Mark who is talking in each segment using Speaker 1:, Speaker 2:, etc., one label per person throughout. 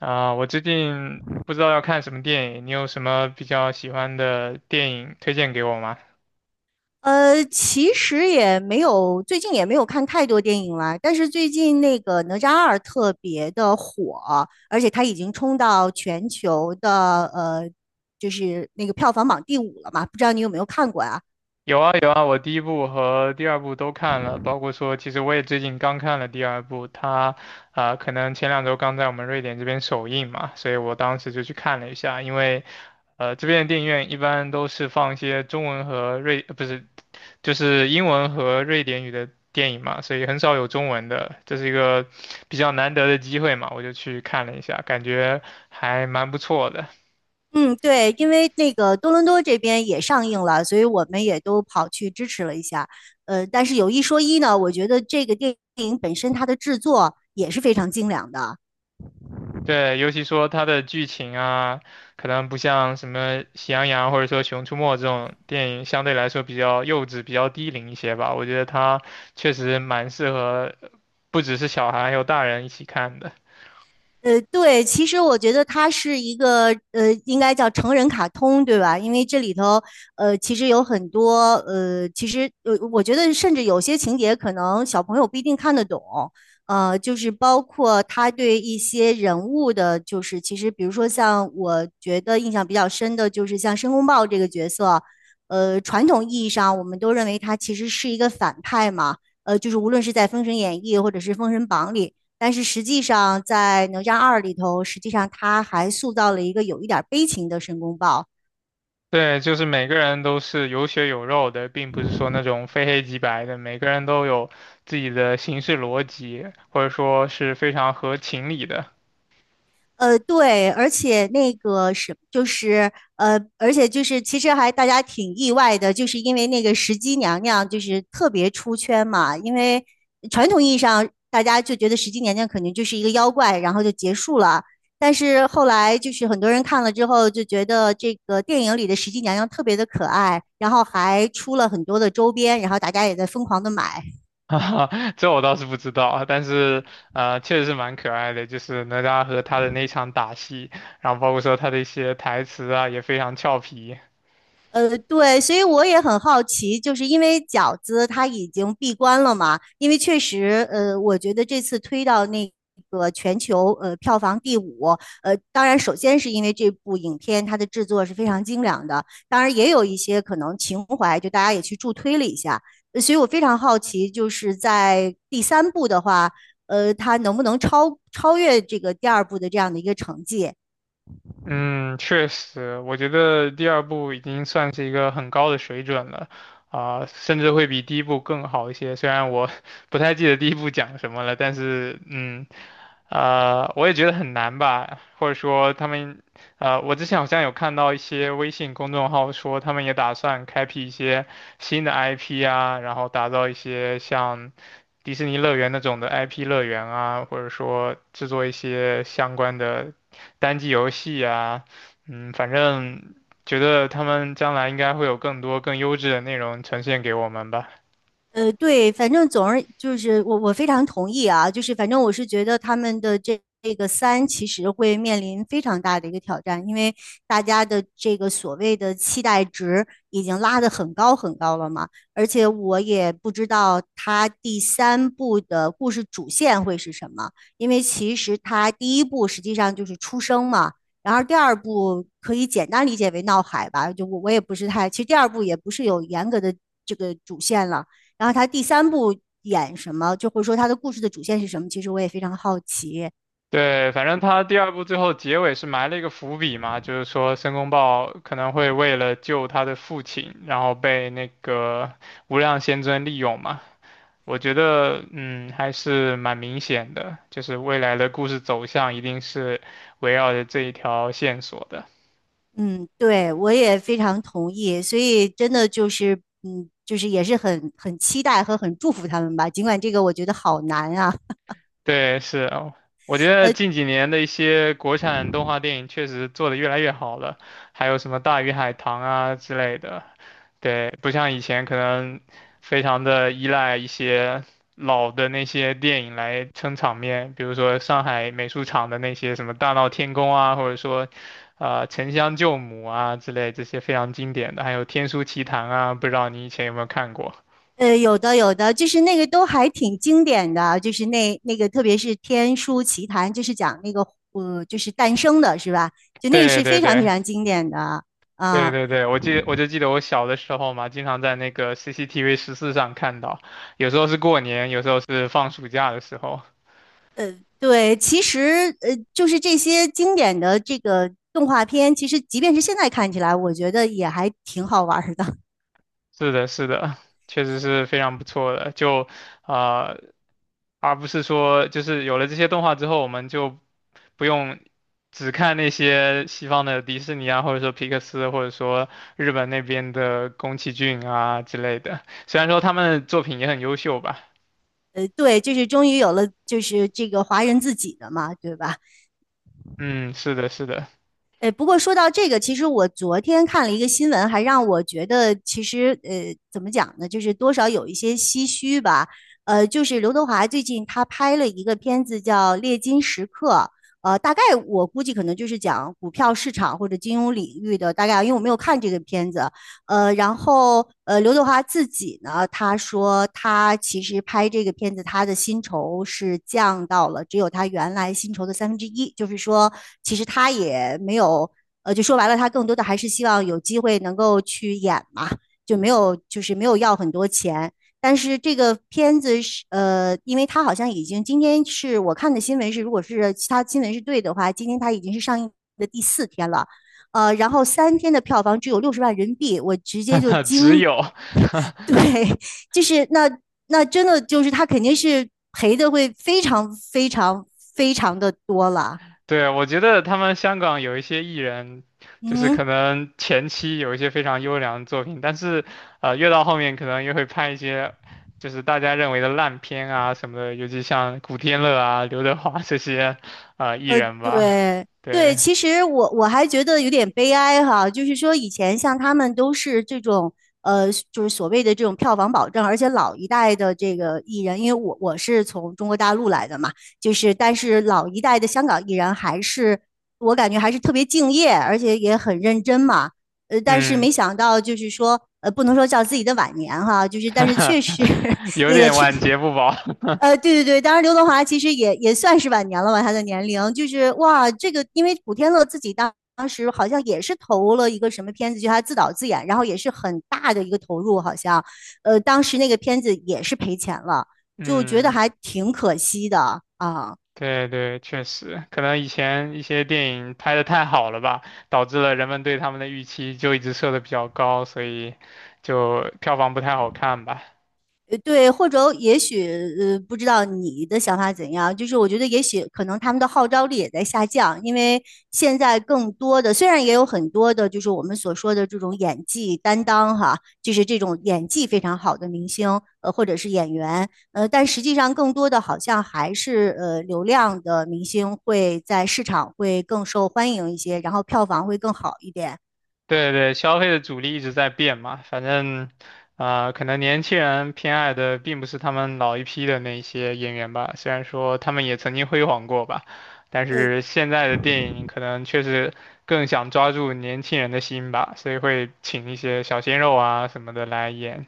Speaker 1: 啊，我最近不知道要看什么电影，你有什么比较喜欢的电影推荐给我吗？
Speaker 2: 其实也没有，最近也没有看太多电影啦。但是最近那个哪吒二特别的火，而且它已经冲到全球的就是那个票房榜第五了嘛。不知道你有没有看过啊？
Speaker 1: 有啊有啊，我第一部和第二部都看了，包括说，其实我也最近刚看了第二部，它啊、可能前2周刚在我们瑞典这边首映嘛，所以我当时就去看了一下，因为这边的电影院一般都是放一些中文和瑞，不是就是英文和瑞典语的电影嘛，所以很少有中文的，这是一个比较难得的机会嘛，我就去看了一下，感觉还蛮不错的。
Speaker 2: 嗯，对，因为那个多伦多这边也上映了，所以我们也都跑去支持了一下。但是有一说一呢，我觉得这个电影本身它的制作也是非常精良的。
Speaker 1: 对，尤其说它的剧情啊，可能不像什么《喜羊羊》或者说《熊出没》这种电影，相对来说比较幼稚、比较低龄一些吧。我觉得它确实蛮适合，不只是小孩，还有大人一起看的。
Speaker 2: 对，其实我觉得它是一个应该叫成人卡通，对吧？因为这里头其实有很多其实我觉得甚至有些情节可能小朋友不一定看得懂，就是包括他对一些人物的，就是其实比如说像我觉得印象比较深的，就是像申公豹这个角色，传统意义上我们都认为他其实是一个反派嘛。就是无论是在《封神演义》或者是《封神榜》里，但是实际上在《哪吒二》里头，实际上他还塑造了一个有一点悲情的申公豹。
Speaker 1: 对，就是每个人都是有血有肉的，并不是说那种非黑即白的，每个人都有自己的行事逻辑，或者说是非常合情理的。
Speaker 2: 对，而且那个是就是而且就是其实还大家挺意外的，就是因为那个石矶娘娘就是特别出圈嘛，因为传统意义上大家就觉得石矶娘娘肯定就是一个妖怪，然后就结束了。但是后来就是很多人看了之后就觉得这个电影里的石矶娘娘特别的可爱，然后还出了很多的周边，然后大家也在疯狂的买。
Speaker 1: 哈哈，这我倒是不知道啊，但是确实是蛮可爱的，就是哪吒和他的那场打戏，然后包括说他的一些台词啊，也非常俏皮。
Speaker 2: 对，所以我也很好奇，就是因为饺子它已经闭关了嘛，因为确实，我觉得这次推到那个全球票房第五。当然首先是因为这部影片它的制作是非常精良的，当然也有一些可能情怀，就大家也去助推了一下。所以我非常好奇，就是在第三部的话，它能不能超越这个第二部的这样的一个成绩？
Speaker 1: 嗯，确实，我觉得第二部已经算是一个很高的水准了，啊、甚至会比第一部更好一些。虽然我 不太记得第一部讲什么了，但是我也觉得很难吧，或者说他们，我之前好像有看到一些微信公众号说他们也打算开辟一些新的 IP 啊，然后打造一些像迪士尼乐园那种的 IP 乐园啊，或者说制作一些相关的。单机游戏啊，反正觉得他们将来应该会有更多更优质的内容呈现给我们吧。
Speaker 2: 对，反正总而就是我非常同意啊，就是反正我是觉得他们的这个三其实会面临非常大的一个挑战，因为大家的这个所谓的期待值已经拉得很高很高了嘛，而且我也不知道他第三部的故事主线会是什么，因为其实他第一部实际上就是出生嘛。然后第二部可以简单理解为闹海吧，就我也不是太，其实第二部也不是有严格的这个主线了，然后他第三部演什么，就或者说他的故事的主线是什么，其实我也非常好奇。
Speaker 1: 对，反正他第二部最后结尾是埋了一个伏笔嘛，就是说申公豹可能会为了救他的父亲，然后被那个无量仙尊利用嘛。我觉得，还是蛮明显的，就是未来的故事走向一定是围绕着这一条线索的。
Speaker 2: 嗯，对，我也非常同意，所以真的就是，嗯，就是也是很期待和很祝福他们吧。尽管这个我觉得好难啊。
Speaker 1: 对，是啊，我觉得
Speaker 2: 呃
Speaker 1: 近几年的一些国产动画电影确实做得越来越好了，还有什么《大鱼海棠》啊之类的，对，不像以前可能非常的依赖一些老的那些电影来撑场面，比如说上海美术厂的那些什么《大闹天宫》啊，或者说，《沉香救母》啊之类这些非常经典的，还有《天书奇谭》啊，不知道你以前有没有看过？
Speaker 2: 有的有的，就是那个都还挺经典的，就是那个特别是《天书奇谭》，就是讲那个就是诞生的是吧？就那个
Speaker 1: 对
Speaker 2: 是
Speaker 1: 对
Speaker 2: 非常非
Speaker 1: 对，
Speaker 2: 常经典的啊、
Speaker 1: 对对对，我就记得我小的时候嘛，经常在那个 CCTV14上看到，有时候是过年，有时候是放暑假的时候。
Speaker 2: 对，其实就是这些经典的这个动画片，其实即便是现在看起来，我觉得也还挺好玩儿的。
Speaker 1: 是的，是的，确实是非常不错的。就呃，而不是说就是有了这些动画之后，我们就不用只看那些西方的迪士尼啊，或者说皮克斯，或者说日本那边的宫崎骏啊之类的。虽然说他们的作品也很优秀吧。
Speaker 2: 对，就是终于有了，就是这个华人自己的嘛，对吧？
Speaker 1: 嗯，是的，是的，
Speaker 2: 不过说到这个，其实我昨天看了一个新闻，还让我觉得其实怎么讲呢，就是多少有一些唏嘘吧。就是刘德华最近他拍了一个片子叫《猎金时刻》。大概我估计可能就是讲股票市场或者金融领域的，大概因为我没有看这个片子。然后刘德华自己呢，他说他其实拍这个片子，他的薪酬是降到了只有他原来薪酬的三分之一，就是说，其实他也没有，就说白了，他更多的还是希望有机会能够去演嘛，就没有就是没有要很多钱。但是这个片子是因为他好像已经今天是我看的新闻是，如果是其他新闻是对的话，今天他已经是上映的第四天了。然后三天的票房只有六十万人民币，我直接就
Speaker 1: 只
Speaker 2: 惊。
Speaker 1: 有
Speaker 2: 对，就是那真的就是他肯定是赔的会非常非常非常的多了。
Speaker 1: 对，我觉得他们香港有一些艺人，就是可
Speaker 2: 嗯。
Speaker 1: 能前期有一些非常优良的作品，但是，越到后面可能越会拍一些，就是大家认为的烂片啊什么的，尤其像古天乐啊、刘德华这些，艺人吧。
Speaker 2: 对对，
Speaker 1: 对，
Speaker 2: 其实我还觉得有点悲哀哈，就是说以前像他们都是这种就是所谓的这种票房保证，而且老一代的这个艺人，因为我是从中国大陆来的嘛，就是但是老一代的香港艺人还是我感觉还是特别敬业，而且也很认真嘛。但是
Speaker 1: 嗯，
Speaker 2: 没想到就是说不能说叫自己的晚年哈，就是但是确实
Speaker 1: 有
Speaker 2: 也
Speaker 1: 点晚节不保。
Speaker 2: 对对对，当然刘德华其实也算是晚年了吧，他的年龄就是哇，这个因为古天乐自己当时好像也是投了一个什么片子，就他自导自演，然后也是很大的一个投入，好像，当时那个片子也是赔钱了，就觉得
Speaker 1: 嗯。
Speaker 2: 还挺可惜的啊。
Speaker 1: 对对，确实，可能以前一些电影拍的太好了吧，导致了人们对他们的预期就一直设的比较高，所以就票房不太好看吧。
Speaker 2: 对，或者也许不知道你的想法怎样，就是我觉得也许可能他们的号召力也在下降，因为现在更多的虽然也有很多的，就是我们所说的这种演技担当哈，就是这种演技非常好的明星，或者是演员，但实际上更多的好像还是流量的明星会在市场会更受欢迎一些，然后票房会更好一点。
Speaker 1: 对对，消费的主力一直在变嘛，反正，啊、可能年轻人偏爱的并不是他们老一批的那些演员吧，虽然说他们也曾经辉煌过吧，但
Speaker 2: 呃，
Speaker 1: 是现在的电影可能确实更想抓住年轻人的心吧，所以会请一些小鲜肉啊什么的来演。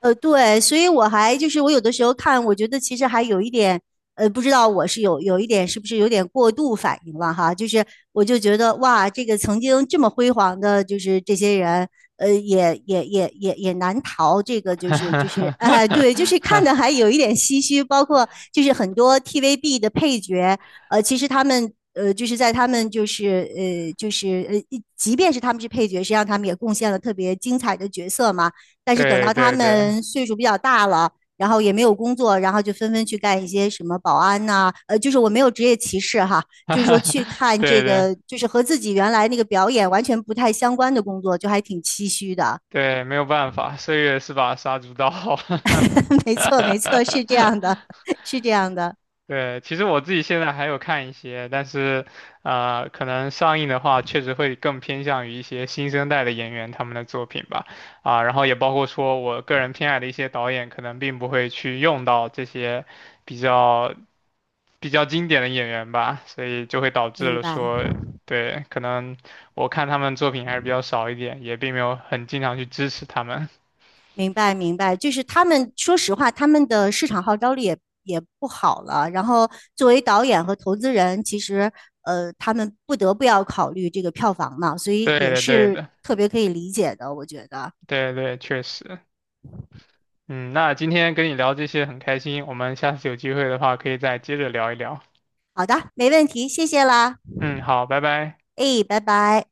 Speaker 2: 对，所以我还就是我有的时候看，我觉得其实还有一点，不知道我是有一点是不是有点过度反应了哈，就是我就觉得哇，这个曾经这么辉煌的，就是这些人，也难逃这个 就
Speaker 1: 哈
Speaker 2: 是
Speaker 1: 哈
Speaker 2: 就是
Speaker 1: 哈
Speaker 2: 哎，对，就
Speaker 1: 哈
Speaker 2: 是看的
Speaker 1: 哈！
Speaker 2: 还有一点唏嘘，包括就是很多 TVB 的配角，其实他们。就是在他们就是就是即便是他们是配角，实际上他们也贡献了特别精彩的角色嘛。但是等
Speaker 1: 对
Speaker 2: 到他
Speaker 1: 对对，
Speaker 2: 们岁数比较大了，然后也没有工作，然后就纷纷去干一些什么保安呐、就是我没有职业歧视哈，
Speaker 1: 哈
Speaker 2: 就是
Speaker 1: 哈
Speaker 2: 说
Speaker 1: 哈，
Speaker 2: 去看
Speaker 1: 对
Speaker 2: 这
Speaker 1: 对
Speaker 2: 个，就是和自己原来那个表演完全不太相关的工作，就还挺唏嘘的。
Speaker 1: 对，没有办法，岁月是把杀猪刀。
Speaker 2: 没错，没错，是这样的，是这样的。
Speaker 1: 对，其实我自己现在还有看一些，但是，可能上映的话，确实会更偏向于一些新生代的演员他们的作品吧，啊，然后也包括说我个人偏爱的一些导演，可能并不会去用到这些比较。比较经典的演员吧，所以就会导致
Speaker 2: 明
Speaker 1: 了
Speaker 2: 白。
Speaker 1: 说，对，可能我看他们作品还是比较少一点，也并没有很经常去支持他们。
Speaker 2: 明白明白，就是他们说实话，他们的市场号召力也不好了。然后作为导演和投资人，其实他们不得不要考虑这个票房嘛，所 以
Speaker 1: 对
Speaker 2: 也
Speaker 1: 的，对
Speaker 2: 是
Speaker 1: 的，
Speaker 2: 特别可以理解的，我觉得。
Speaker 1: 对对，确实。嗯，那今天跟你聊这些很开心，我们下次有机会的话可以再接着聊一聊。
Speaker 2: 好的，没问题，谢谢啦，
Speaker 1: 嗯，好，拜拜。
Speaker 2: 哎，拜拜。